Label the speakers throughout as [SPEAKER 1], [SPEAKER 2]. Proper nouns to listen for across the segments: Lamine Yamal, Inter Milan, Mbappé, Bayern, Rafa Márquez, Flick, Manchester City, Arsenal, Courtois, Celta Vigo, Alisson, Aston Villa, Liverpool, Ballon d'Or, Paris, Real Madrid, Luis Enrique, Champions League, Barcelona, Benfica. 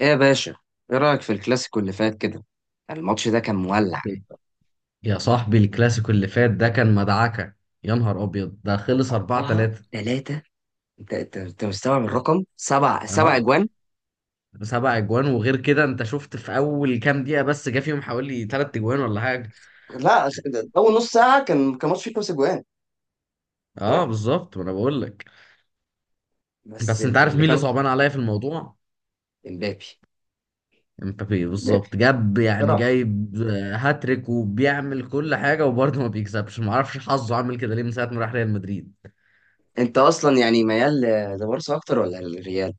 [SPEAKER 1] ايه يا باشا، ايه رايك في الكلاسيكو اللي فات كده؟ الماتش ده كان مولع.
[SPEAKER 2] يا صاحبي الكلاسيكو اللي فات ده كان مدعكة. يا نهار أبيض ده خلص 4
[SPEAKER 1] اربعة
[SPEAKER 2] 3.
[SPEAKER 1] ثلاثة انت انت أنت مستوعب الرقم سبع؟ سبع
[SPEAKER 2] اه،
[SPEAKER 1] اجوان.
[SPEAKER 2] سبع اجوان. وغير كده انت شفت في اول كام دقيقة بس جه فيهم حوالي تلات اجوان ولا حاجة.
[SPEAKER 1] لا، ده اول نص ساعه كان ماتش فيه خمس اجوان.
[SPEAKER 2] اه بالظبط، ما انا بقول لك.
[SPEAKER 1] بس
[SPEAKER 2] بس انت عارف
[SPEAKER 1] اللي
[SPEAKER 2] مين اللي
[SPEAKER 1] كان.
[SPEAKER 2] صعبان عليا في الموضوع؟
[SPEAKER 1] امبابي.
[SPEAKER 2] امبابي
[SPEAKER 1] امبابي
[SPEAKER 2] بالظبط، جاب يعني
[SPEAKER 1] صراحه.
[SPEAKER 2] جايب هاتريك، وبيعمل كل حاجة وبرضه ما بيكسبش. ما اعرفش حظه عامل كده ليه من ساعة ما راح ريال مدريد.
[SPEAKER 1] انت اصلا يعني ميال لبارسا اكتر ولا للريال؟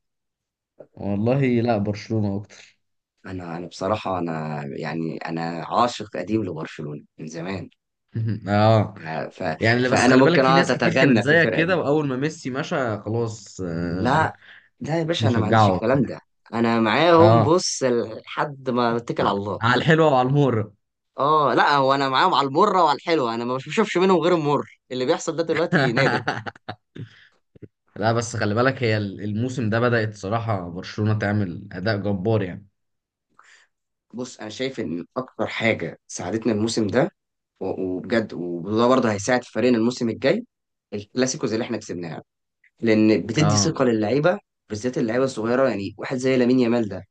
[SPEAKER 2] والله لا، برشلونة اكتر.
[SPEAKER 1] انا بصراحه، انا يعني انا عاشق قديم لبرشلونه من زمان.
[SPEAKER 2] اه،
[SPEAKER 1] ف...
[SPEAKER 2] يعني لا، بس
[SPEAKER 1] فانا
[SPEAKER 2] خلي بالك
[SPEAKER 1] ممكن
[SPEAKER 2] في
[SPEAKER 1] اقعد
[SPEAKER 2] ناس كتير كانت
[SPEAKER 1] اتغنى في
[SPEAKER 2] زيك
[SPEAKER 1] الفرقه
[SPEAKER 2] كده،
[SPEAKER 1] دي.
[SPEAKER 2] واول ما ميسي مشى خلاص
[SPEAKER 1] لا. لا يا باشا، انا ما عنديش
[SPEAKER 2] بيشجعوا
[SPEAKER 1] الكلام
[SPEAKER 2] وبتاع.
[SPEAKER 1] ده. انا معاهم،
[SPEAKER 2] اه،
[SPEAKER 1] بص، لحد ما اتكل على
[SPEAKER 2] ع-
[SPEAKER 1] الله.
[SPEAKER 2] على الحلوه وعلى المر.
[SPEAKER 1] اه، لا، هو انا معاهم على المره وعلى الحلوه، انا ما بشوفش منهم غير المر. اللي بيحصل ده دلوقتي نادر.
[SPEAKER 2] لا بس خلي بالك، هي الموسم ده بدأت صراحه برشلونه تعمل اداء جبار يعني.
[SPEAKER 1] بص، انا شايف ان اكتر حاجه ساعدتنا الموسم ده وبجد، وده برضه هيساعد فريقنا الموسم الجاي، الكلاسيكوز اللي احنا كسبناها، لان بتدي
[SPEAKER 2] اه،
[SPEAKER 1] ثقه للعيبه، بالذات اللعيبه الصغيره، يعني واحد زي لامين يامال ده.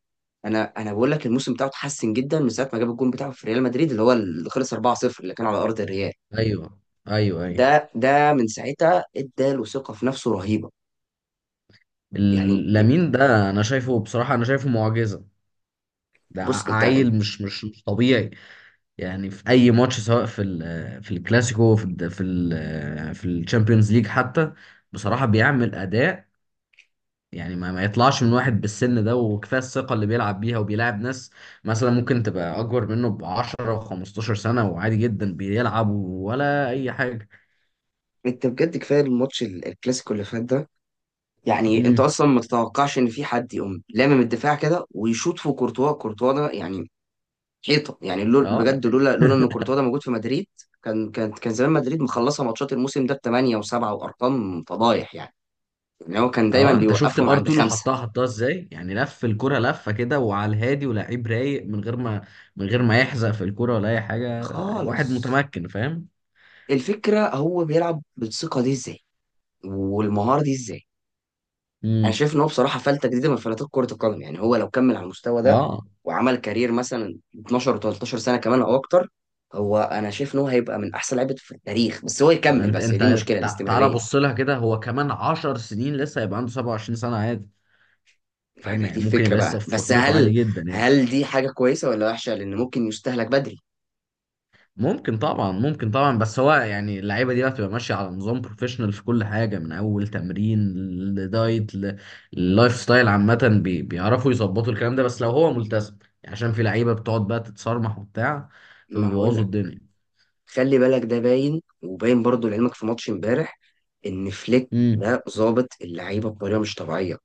[SPEAKER 1] انا بقول لك، الموسم بتاعه اتحسن جدا من ساعه ما جاب الجون بتاعه في ريال مدريد اللي هو اللي خلص 4-0، اللي كان على ارض الريال.
[SPEAKER 2] ايوه ايوه ايوه.
[SPEAKER 1] ده من ساعتها اداله ثقة في نفسه رهيبة، يعني.
[SPEAKER 2] لامين ده انا شايفه بصراحه، انا شايفه معجزه. ده
[SPEAKER 1] بص، انت
[SPEAKER 2] عيل مش طبيعي. يعني في اي ماتش، سواء في ال- في الكلاسيكو في ال في ال في الشامبيونز ليج حتى، بصراحة بيعمل أداء يعني ما يطلعش من واحد بالسن ده. وكفايه الثقه اللي بيلعب بيها، وبيلعب ناس مثلا ممكن تبقى اكبر منه ب 10 و 15 سنه، وعادي جدا بيلعب ولا اي حاجه.
[SPEAKER 1] انت بجد، كفاية الماتش الكلاسيكو اللي فات ده. يعني انت
[SPEAKER 2] امم.
[SPEAKER 1] اصلا ما تتوقعش ان في حد يقوم لامم الدفاع كده ويشوط في كورتوا. كورتوا ده يعني حيطة، يعني، لول.
[SPEAKER 2] اه.
[SPEAKER 1] بجد، لولا ان كورتوا ده موجود في مدريد، كان زمان مدريد مخلصة ماتشات الموسم ده بثمانية وسبعة وارقام فضايح، يعني ان هو كان دايما
[SPEAKER 2] اه انت شفت
[SPEAKER 1] بيوقفهم
[SPEAKER 2] الار
[SPEAKER 1] عند
[SPEAKER 2] 2 اللي
[SPEAKER 1] خمسة
[SPEAKER 2] حطها حطها ازاي؟ يعني لف الكره لفه كده وعلى الهادي، ولاعيب رايق من غير ما من غير ما يحزق في الكره ولا اي حاجه.
[SPEAKER 1] خالص.
[SPEAKER 2] واحد متمكن فاهم.
[SPEAKER 1] الفكرة، هو بيلعب بالثقة دي ازاي والمهارة دي ازاي؟ انا
[SPEAKER 2] امم.
[SPEAKER 1] شايف ان هو بصراحه فلته جديده من فلاتات كره القدم، يعني هو لو كمل على المستوى ده
[SPEAKER 2] اه.
[SPEAKER 1] وعمل كارير مثلا 12 و13 سنه كمان او اكتر، هو انا شايف ان هو هيبقى من احسن لعيبه في التاريخ. بس هو
[SPEAKER 2] ما
[SPEAKER 1] يكمل،
[SPEAKER 2] انت
[SPEAKER 1] بس هي دي
[SPEAKER 2] انت
[SPEAKER 1] المشكله،
[SPEAKER 2] تعالى
[SPEAKER 1] الاستمراريه.
[SPEAKER 2] بص لها كده. هو كمان 10 سنين لسه، هيبقى عنده 27 سنه، عادي. فاهم
[SPEAKER 1] يعني دي
[SPEAKER 2] يعني؟ ممكن
[SPEAKER 1] الفكره
[SPEAKER 2] يبقى
[SPEAKER 1] بقى،
[SPEAKER 2] لسه في
[SPEAKER 1] بس
[SPEAKER 2] فورمته، عادي جدا يعني.
[SPEAKER 1] هل دي حاجه كويسه ولا وحشه؟ لان ممكن يستهلك بدري.
[SPEAKER 2] ممكن طبعا، ممكن طبعا. بس هو يعني اللعيبه دي بقى بتبقى ماشيه على نظام بروفيشنال في كل حاجه، من اول تمرين لدايت للايف ستايل عامه، بيعرفوا يظبطوا الكلام ده، بس لو هو ملتزم. يعني عشان في لعيبه بتقعد بقى تتصرمح وبتاع
[SPEAKER 1] ما هقول
[SPEAKER 2] فبيبوظوا
[SPEAKER 1] لك،
[SPEAKER 2] الدنيا.
[SPEAKER 1] خلي بالك، ده باين وباين برضو لعلمك في ماتش امبارح ان فليك
[SPEAKER 2] امم.
[SPEAKER 1] ده ظابط اللعيبه بطريقه مش طبيعيه،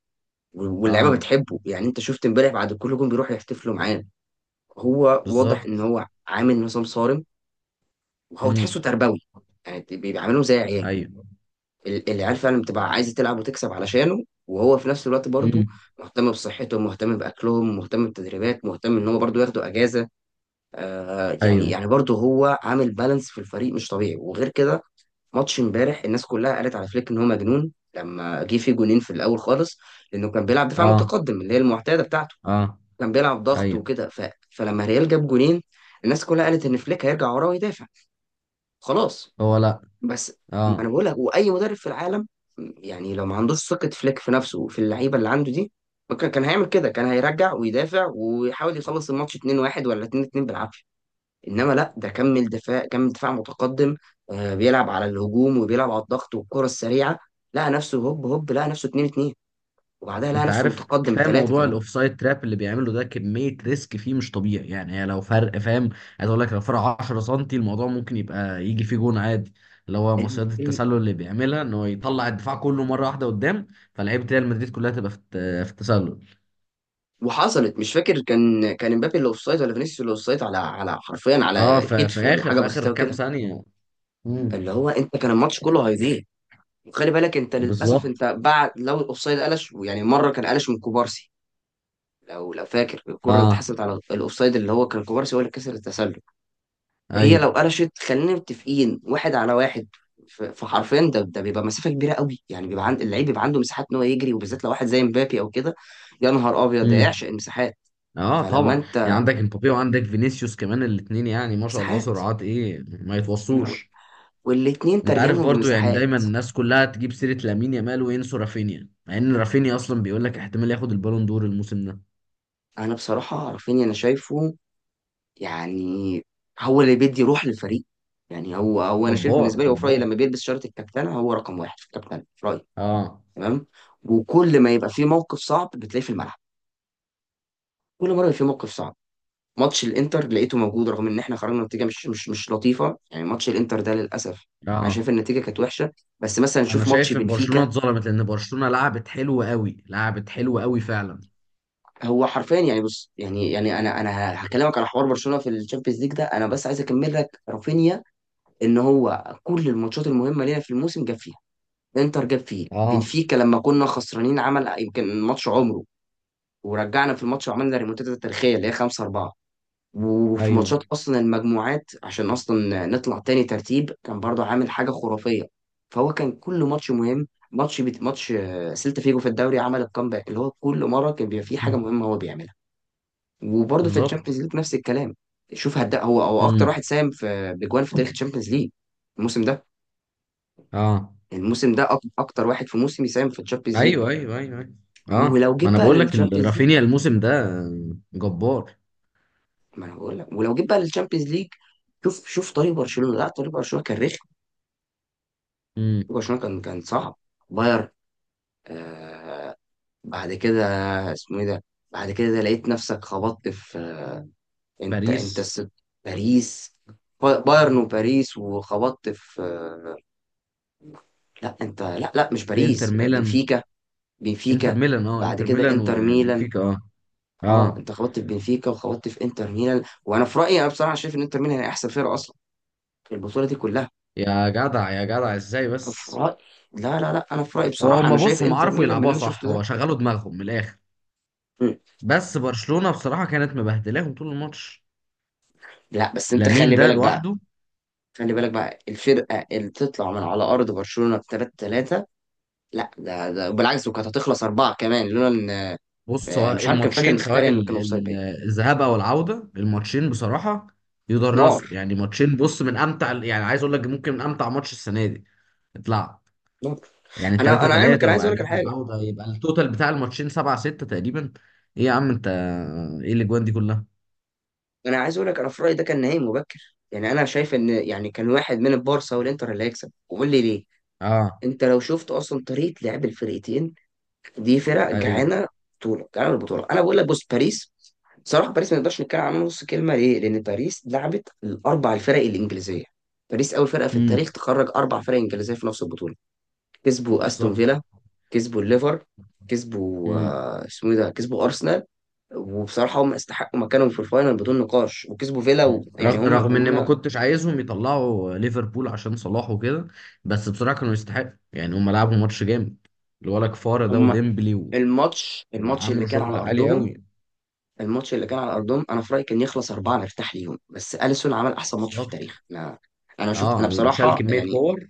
[SPEAKER 1] واللعيبه
[SPEAKER 2] اه
[SPEAKER 1] بتحبه، يعني انت شفت امبارح بعد كل جون بيروحوا يحتفلوا معاه. هو واضح
[SPEAKER 2] بالظبط.
[SPEAKER 1] ان هو عامل نظام صارم، وهو تحسه
[SPEAKER 2] امم.
[SPEAKER 1] تربوي، يعني بيبقى عاملهم زي عياله.
[SPEAKER 2] ايوه.
[SPEAKER 1] العيال فعلا بتبقى عايزه تلعب وتكسب علشانه، وهو في نفس الوقت برضه
[SPEAKER 2] امم.
[SPEAKER 1] مهتم بصحتهم، مهتم باكلهم، مهتم بالتدريبات، مهتم ان هو برضه ياخدوا اجازه. يعني
[SPEAKER 2] ايوه.
[SPEAKER 1] برضه هو عامل بالانس في الفريق مش طبيعي. وغير كده، ماتش امبارح الناس كلها قالت على فليك ان هو مجنون لما جه فيه جونين في الاول خالص، لانه كان بيلعب دفاع
[SPEAKER 2] اه.
[SPEAKER 1] متقدم اللي هي المعتاده بتاعته.
[SPEAKER 2] اه.
[SPEAKER 1] كان بيلعب ضغط
[SPEAKER 2] ايوه.
[SPEAKER 1] وكده، فلما ريال جاب جونين الناس كلها قالت ان فليك هيرجع وراه ويدافع، خلاص.
[SPEAKER 2] هو لا.
[SPEAKER 1] بس ما انا
[SPEAKER 2] اه،
[SPEAKER 1] بقول لك، واي مدرب في العالم، يعني لو ما عندوش ثقة فليك في نفسه وفي اللعيبة اللي عنده دي، ما كان هيعمل كده. كان هيرجع ويدافع ويحاول يخلص الماتش 2-1 ولا 2-2 بالعافية. انما لا، ده كمل دفاع، كمل دفاع متقدم. بيلعب على الهجوم وبيلعب على الضغط والكرة السريعة. لقى نفسه هوب هوب، لقى نفسه 2-2، وبعدها لقى
[SPEAKER 2] انت
[SPEAKER 1] نفسه
[SPEAKER 2] عارف
[SPEAKER 1] متقدم
[SPEAKER 2] كفايه
[SPEAKER 1] بثلاثة
[SPEAKER 2] موضوع الاوفسايد تراب اللي بيعمله ده، كميه ريسك فيه مش طبيعي يعني. هي لو فرق، فاهم؟ عايز اقول لك، لو فرق 10 سم الموضوع ممكن يبقى يجي فيه جون عادي. اللي هو
[SPEAKER 1] كمان.
[SPEAKER 2] مصيدة التسلل اللي بيعملها، ان هو يطلع الدفاع كله مره واحده قدام، فلعيبه ريال مدريد كلها تبقى في في التسلل.
[SPEAKER 1] وحصلت، مش فاكر، كان امبابي اللي اوفسايد ولا فينيسيوس اللي اوفسايد، على حرفيا
[SPEAKER 2] اه،
[SPEAKER 1] على
[SPEAKER 2] في
[SPEAKER 1] كتف ولا
[SPEAKER 2] اخر
[SPEAKER 1] حاجه
[SPEAKER 2] في اخر
[SPEAKER 1] بسيطه
[SPEAKER 2] كام
[SPEAKER 1] وكده،
[SPEAKER 2] ثانيه. امم.
[SPEAKER 1] اللي هو انت كان الماتش كله هيضيع. وخلي بالك انت، للاسف، انت
[SPEAKER 2] بالظبط.
[SPEAKER 1] بعد لو الاوفسايد قلش، يعني مره كان قلش من كوبارسي، لو فاكر الكره اللي
[SPEAKER 2] اه.
[SPEAKER 1] اتحسبت على الاوفسايد اللي هو كان كوبارسي هو اللي كسر التسلل. هي
[SPEAKER 2] ايوه.
[SPEAKER 1] لو قلشت خلينا متفقين واحد على واحد، فحرفيا ده بيبقى مسافه كبيره قوي، يعني بيبقى عند اللعيب، بيبقى عنده مساحات ان هو يجري، وبالذات لو واحد زي مبابي او كده. يا نهار ابيض، ده يعشق
[SPEAKER 2] امم.
[SPEAKER 1] المساحات.
[SPEAKER 2] اه
[SPEAKER 1] فلما
[SPEAKER 2] طبعا. يعني
[SPEAKER 1] انت،
[SPEAKER 2] عندك امبابي، وعندك فينيسيوس كمان، الاثنين يعني ما شاء الله
[SPEAKER 1] مساحات.
[SPEAKER 2] سرعات ايه ما يتوصوش.
[SPEAKER 1] والاتنين
[SPEAKER 2] انت عارف
[SPEAKER 1] ترجموا
[SPEAKER 2] برضو، يعني
[SPEAKER 1] بمساحات.
[SPEAKER 2] دايما الناس كلها تجيب سيرة لامين يامال وينسوا رافينيا، مع ان رافينيا اصلا بيقول لك احتمال ياخد البالون دور الموسم ده.
[SPEAKER 1] انا بصراحة رافينيا، انا شايفه، يعني، هو اللي بيدي روح للفريق. يعني هو انا شايف،
[SPEAKER 2] جبار
[SPEAKER 1] بالنسبة لي، هو في رأيي
[SPEAKER 2] جبار.
[SPEAKER 1] لما بيلبس شارة الكابتنة هو رقم واحد في الكابتنة في رأيي.
[SPEAKER 2] اه.
[SPEAKER 1] تمام. وكل ما يبقى فيه موقف صعب بتلاقيه في الملعب. كل مرة يبقى فيه موقف صعب. ماتش الانتر لقيته موجود رغم ان احنا خرجنا نتيجة مش لطيفة. يعني ماتش الانتر ده للأسف انا
[SPEAKER 2] اه،
[SPEAKER 1] شايف النتيجة كانت وحشة، بس مثلا
[SPEAKER 2] انا
[SPEAKER 1] نشوف ماتش
[SPEAKER 2] شايف ان برشلونة
[SPEAKER 1] بنفيكا.
[SPEAKER 2] اتظلمت، لان برشلونة لعبت حلو قوي، لعبت حلو قوي فعلا.
[SPEAKER 1] هو حرفيا يعني، بص، يعني انا هكلمك على حوار برشلونه في الشامبيونز ليج ده. انا بس عايز اكمل لك رافينيا، ان هو كل الماتشات المهمه لينا في الموسم جاب فيها. انتر جاب فيه،
[SPEAKER 2] اه.
[SPEAKER 1] بنفيكا لما كنا خسرانين عمل يمكن ماتش عمره ورجعنا في الماتش وعملنا ريمونتادا تاريخيه اللي هي 5-4، وفي
[SPEAKER 2] ايوه.
[SPEAKER 1] ماتشات اصلا المجموعات عشان اصلا نطلع تاني ترتيب كان برضه عامل حاجه خرافيه. فهو كان كل ماتش مهم، ماتش ماتش سيلتا فيجو في الدوري عمل الكامباك. اللي هو كل مره كان بيبقى فيه حاجه
[SPEAKER 2] مم.
[SPEAKER 1] مهمه هو بيعملها، وبرضه في
[SPEAKER 2] بالظبط.
[SPEAKER 1] الشامبيونز ليج نفس الكلام. شوف، هدا هو اكتر
[SPEAKER 2] امم.
[SPEAKER 1] واحد ساهم في بجوان في تاريخ الشامبيونز ليج الموسم ده.
[SPEAKER 2] اه.
[SPEAKER 1] الموسم ده اكتر واحد في موسم يساهم في الشامبيونز ليج.
[SPEAKER 2] ايوه ايوه ايوه ايوه. اه،
[SPEAKER 1] ولو
[SPEAKER 2] ما
[SPEAKER 1] جيت
[SPEAKER 2] انا
[SPEAKER 1] بقى
[SPEAKER 2] بقول لك
[SPEAKER 1] للشامبيونز ليج،
[SPEAKER 2] رافينيا الموسم ده جبار.
[SPEAKER 1] ما انا بقول لك، ولو جيت بقى للشامبيونز ليج، شوف شوف طريق برشلونه. لا، طريق برشلونه كان رخم.
[SPEAKER 2] امم.
[SPEAKER 1] طريق برشلونه كان صعب. باير، آه، بعد كده اسمه ايه ده؟ بعد كده لقيت نفسك خبطت في انت
[SPEAKER 2] باريس.
[SPEAKER 1] باريس. بايرن وباريس، وخبطت في لا انت، لا، لا، مش
[SPEAKER 2] في انتر
[SPEAKER 1] باريس،
[SPEAKER 2] ميلان.
[SPEAKER 1] بنفيكا.
[SPEAKER 2] انتر
[SPEAKER 1] بنفيكا.
[SPEAKER 2] ميلان، اه،
[SPEAKER 1] بعد
[SPEAKER 2] انتر
[SPEAKER 1] كده
[SPEAKER 2] ميلان
[SPEAKER 1] انتر ميلان.
[SPEAKER 2] وبنفيكا، اه.
[SPEAKER 1] اه،
[SPEAKER 2] اه،
[SPEAKER 1] انت خبطت في بنفيكا وخبطت في انتر ميلان. وانا في رايي، انا بصراحه شايف ان انتر ميلان هي احسن فرقه اصلا في البطوله دي كلها.
[SPEAKER 2] يا جدع يا جدع ازاي
[SPEAKER 1] انا في
[SPEAKER 2] بس؟
[SPEAKER 1] رايي، لا، لا، لا، انا في رايي
[SPEAKER 2] هو
[SPEAKER 1] بصراحه انا شايف
[SPEAKER 2] بص، هم
[SPEAKER 1] انتر
[SPEAKER 2] عرفوا
[SPEAKER 1] ميلان من اللي
[SPEAKER 2] يلعبوها
[SPEAKER 1] انا
[SPEAKER 2] صح،
[SPEAKER 1] شفته ده.
[SPEAKER 2] هو شغلوا دماغهم من الاخر.
[SPEAKER 1] مم.
[SPEAKER 2] بس برشلونة بصراحة كانت مبهدلاهم طول الماتش.
[SPEAKER 1] لا بس انت
[SPEAKER 2] لامين
[SPEAKER 1] خلي
[SPEAKER 2] ده
[SPEAKER 1] بالك بقى،
[SPEAKER 2] لوحده.
[SPEAKER 1] خلي بالك بقى الفرقه اللي تطلع من على ارض برشلونه ب 3-3! لا ده بالعكس، وكانت هتخلص اربعه كمان لولا ان
[SPEAKER 2] بص، سواء
[SPEAKER 1] مش عارف، كان فاكر
[SPEAKER 2] الماتشين،
[SPEAKER 1] مختاري
[SPEAKER 2] سواء
[SPEAKER 1] ان كان اوفسايد باين.
[SPEAKER 2] الذهاب او العودة، الماتشين بصراحة يدرسوا
[SPEAKER 1] نار.
[SPEAKER 2] يعني. ماتشين بص، من امتع، يعني عايز اقول لك ممكن من امتع ماتش السنة دي اتلعب.
[SPEAKER 1] نار.
[SPEAKER 2] يعني
[SPEAKER 1] انا
[SPEAKER 2] 3
[SPEAKER 1] انا علمك،
[SPEAKER 2] 3،
[SPEAKER 1] انا عايز اقول لك على
[SPEAKER 2] وبعدين
[SPEAKER 1] حاجه.
[SPEAKER 2] العودة يبقى التوتال بتاع الماتشين 7 6 تقريبا. ايه يا عم انت، ايه الاجوان دي كلها؟
[SPEAKER 1] انا عايز اقول لك، انا في رايي ده كان نهائي مبكر. يعني انا شايف ان، يعني، كان واحد من البارسا والانتر اللي هيكسب، وقول لي ليه.
[SPEAKER 2] اه.
[SPEAKER 1] انت لو شفت اصلا طريقه لعب الفرقتين، دي فرق
[SPEAKER 2] ايوه.
[SPEAKER 1] جعانه، بطوله جعانه البطوله. انا بقول لك بص، باريس، صراحه باريس ما نقدرش نتكلم عنها نص كلمه، ليه؟ لان باريس لعبت الاربع الفرق الانجليزيه. باريس اول فرقه في
[SPEAKER 2] امم.
[SPEAKER 1] التاريخ تخرج اربع فرق انجليزيه في نفس البطوله. كسبوا استون
[SPEAKER 2] بالظبط.
[SPEAKER 1] فيلا، كسبوا الليفر، كسبوا
[SPEAKER 2] مم.
[SPEAKER 1] اسمه إيه ده؟ كسبوا ارسنال. وبصراحه هم استحقوا مكانهم في الفاينل بدون نقاش، وكسبوا فيلا
[SPEAKER 2] مم.
[SPEAKER 1] يعني هم
[SPEAKER 2] رغم ان ما
[SPEAKER 1] هم
[SPEAKER 2] كنتش عايزهم يطلعوا ليفربول عشان صلاح وكده، بس بصراحه كانوا يستحقوا يعني. هم لعبوا ماتش جامد. الولا كفاره ده،
[SPEAKER 1] هم
[SPEAKER 2] وديمبلي و...
[SPEAKER 1] الماتش اللي
[SPEAKER 2] وعملوا
[SPEAKER 1] كان على
[SPEAKER 2] شغل عالي
[SPEAKER 1] ارضهم،
[SPEAKER 2] قوي.
[SPEAKER 1] الماتش اللي كان على ارضهم انا في رايي كان يخلص اربعه نرتاح ليهم، بس اليسون عمل احسن ماتش في
[SPEAKER 2] بالظبط.
[SPEAKER 1] التاريخ. انا شفت، انا
[SPEAKER 2] اه، شال
[SPEAKER 1] بصراحه
[SPEAKER 2] كميه
[SPEAKER 1] يعني،
[SPEAKER 2] كور.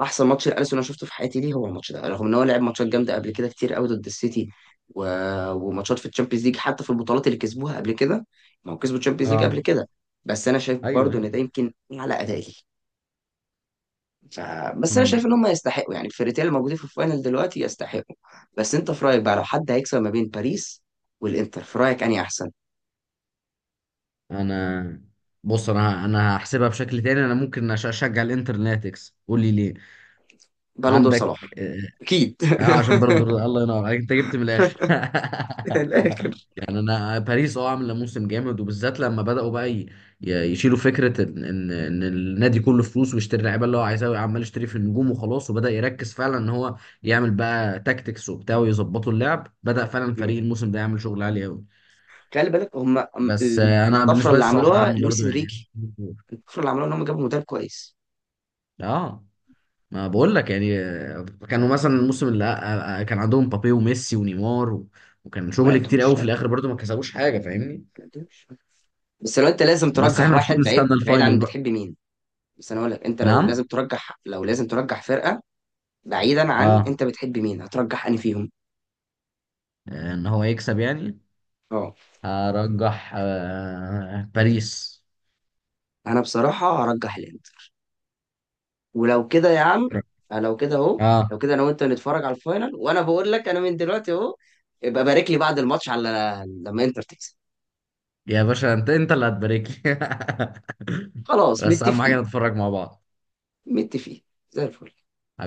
[SPEAKER 1] احسن ماتش لاليسون انا شفته في حياتي. ليه هو الماتش ده رغم ان هو لعب ماتشات جامده قبل كده كتير قوي ضد السيتي و... وماتشات في الشامبيونز ليج حتى في البطولات اللي كسبوها قبل كده. ما هو كسبوا الشامبيونز ليج قبل
[SPEAKER 2] اه.
[SPEAKER 1] كده، بس انا شايف
[SPEAKER 2] ايوه
[SPEAKER 1] برضو ان ده
[SPEAKER 2] ايوه.
[SPEAKER 1] يمكن على ادائي. ف... بس انا شايف ان
[SPEAKER 2] مم.
[SPEAKER 1] هم يستحقوا، يعني الفرقتين اللي موجودين في الفاينل دلوقتي يستحقوا. بس انت في رايك بقى، لو حد هيكسب ما بين باريس والانتر، في رايك انهي احسن؟
[SPEAKER 2] انا بص انا هحسبها بشكل تاني. انا ممكن اشجع الانتر إنها تكسب. قول لي ليه؟
[SPEAKER 1] بالون دور صلاح.
[SPEAKER 2] عندك. اه.
[SPEAKER 1] اكيد.
[SPEAKER 2] عشان برضه، الله ينور عليك، انت جبت من الاخر.
[SPEAKER 1] من الاخر.
[SPEAKER 2] يعني انا باريس، اه، عامله موسم جامد، وبالذات لما بداوا بقى يشيلوا فكره ان إن النادي كله فلوس ويشتري اللعيبه اللي هو عايزها، عمال يشتري في النجوم وخلاص. وبدا يركز فعلا ان هو يعمل بقى تاكتكس وبتاع ويظبطوا اللعب، بدا فعلا
[SPEAKER 1] مم.
[SPEAKER 2] فريق الموسم ده يعمل شغل عالي قوي.
[SPEAKER 1] خلي بالك، هم
[SPEAKER 2] بس انا
[SPEAKER 1] الطفره
[SPEAKER 2] بالنسبه لي
[SPEAKER 1] اللي
[SPEAKER 2] الصراحه
[SPEAKER 1] عملوها
[SPEAKER 2] اهم
[SPEAKER 1] لويس
[SPEAKER 2] برضو يعني.
[SPEAKER 1] انريكي، الكفر اللي عملوه ان هم جابوا مدرب كويس.
[SPEAKER 2] اه، ما بقول لك يعني، كانوا مثلا الموسم اللي كان عندهم بابي وميسي ونيمار و- وكان
[SPEAKER 1] ما
[SPEAKER 2] شغل كتير قوي،
[SPEAKER 1] قدوش،
[SPEAKER 2] في
[SPEAKER 1] لا.
[SPEAKER 2] الاخر برضو ما كسبوش حاجه، فاهمني؟
[SPEAKER 1] ما قدوش. بس لو انت لازم
[SPEAKER 2] بس احنا
[SPEAKER 1] ترجح واحد
[SPEAKER 2] المفروض
[SPEAKER 1] بعيد
[SPEAKER 2] نستنى
[SPEAKER 1] بعيد
[SPEAKER 2] الفاينل
[SPEAKER 1] عن
[SPEAKER 2] بقى.
[SPEAKER 1] بتحب مين. بس انا اقول لك، انت لو لازم
[SPEAKER 2] نعم.
[SPEAKER 1] ترجح، فرقه بعيدا عن
[SPEAKER 2] اه،
[SPEAKER 1] انت بتحب مين، هترجح انهي فيهم؟
[SPEAKER 2] ان هو يكسب يعني.
[SPEAKER 1] اه.
[SPEAKER 2] هرجح باريس.
[SPEAKER 1] انا بصراحه هرجح الانتر. ولو كده يا عم، لو كده اهو.
[SPEAKER 2] اه،
[SPEAKER 1] لو كده انا وانت نتفرج على الفاينل، وانا بقول لك انا من دلوقتي اهو، ابقى بارك لي بعد الماتش على لما انتر تكسب.
[SPEAKER 2] يا باشا انت، انت اللي هتبارك لي.
[SPEAKER 1] خلاص،
[SPEAKER 2] بس اهم
[SPEAKER 1] متفقين.
[SPEAKER 2] حاجه نتفرج مع بعض.
[SPEAKER 1] متفقين. زي الفل.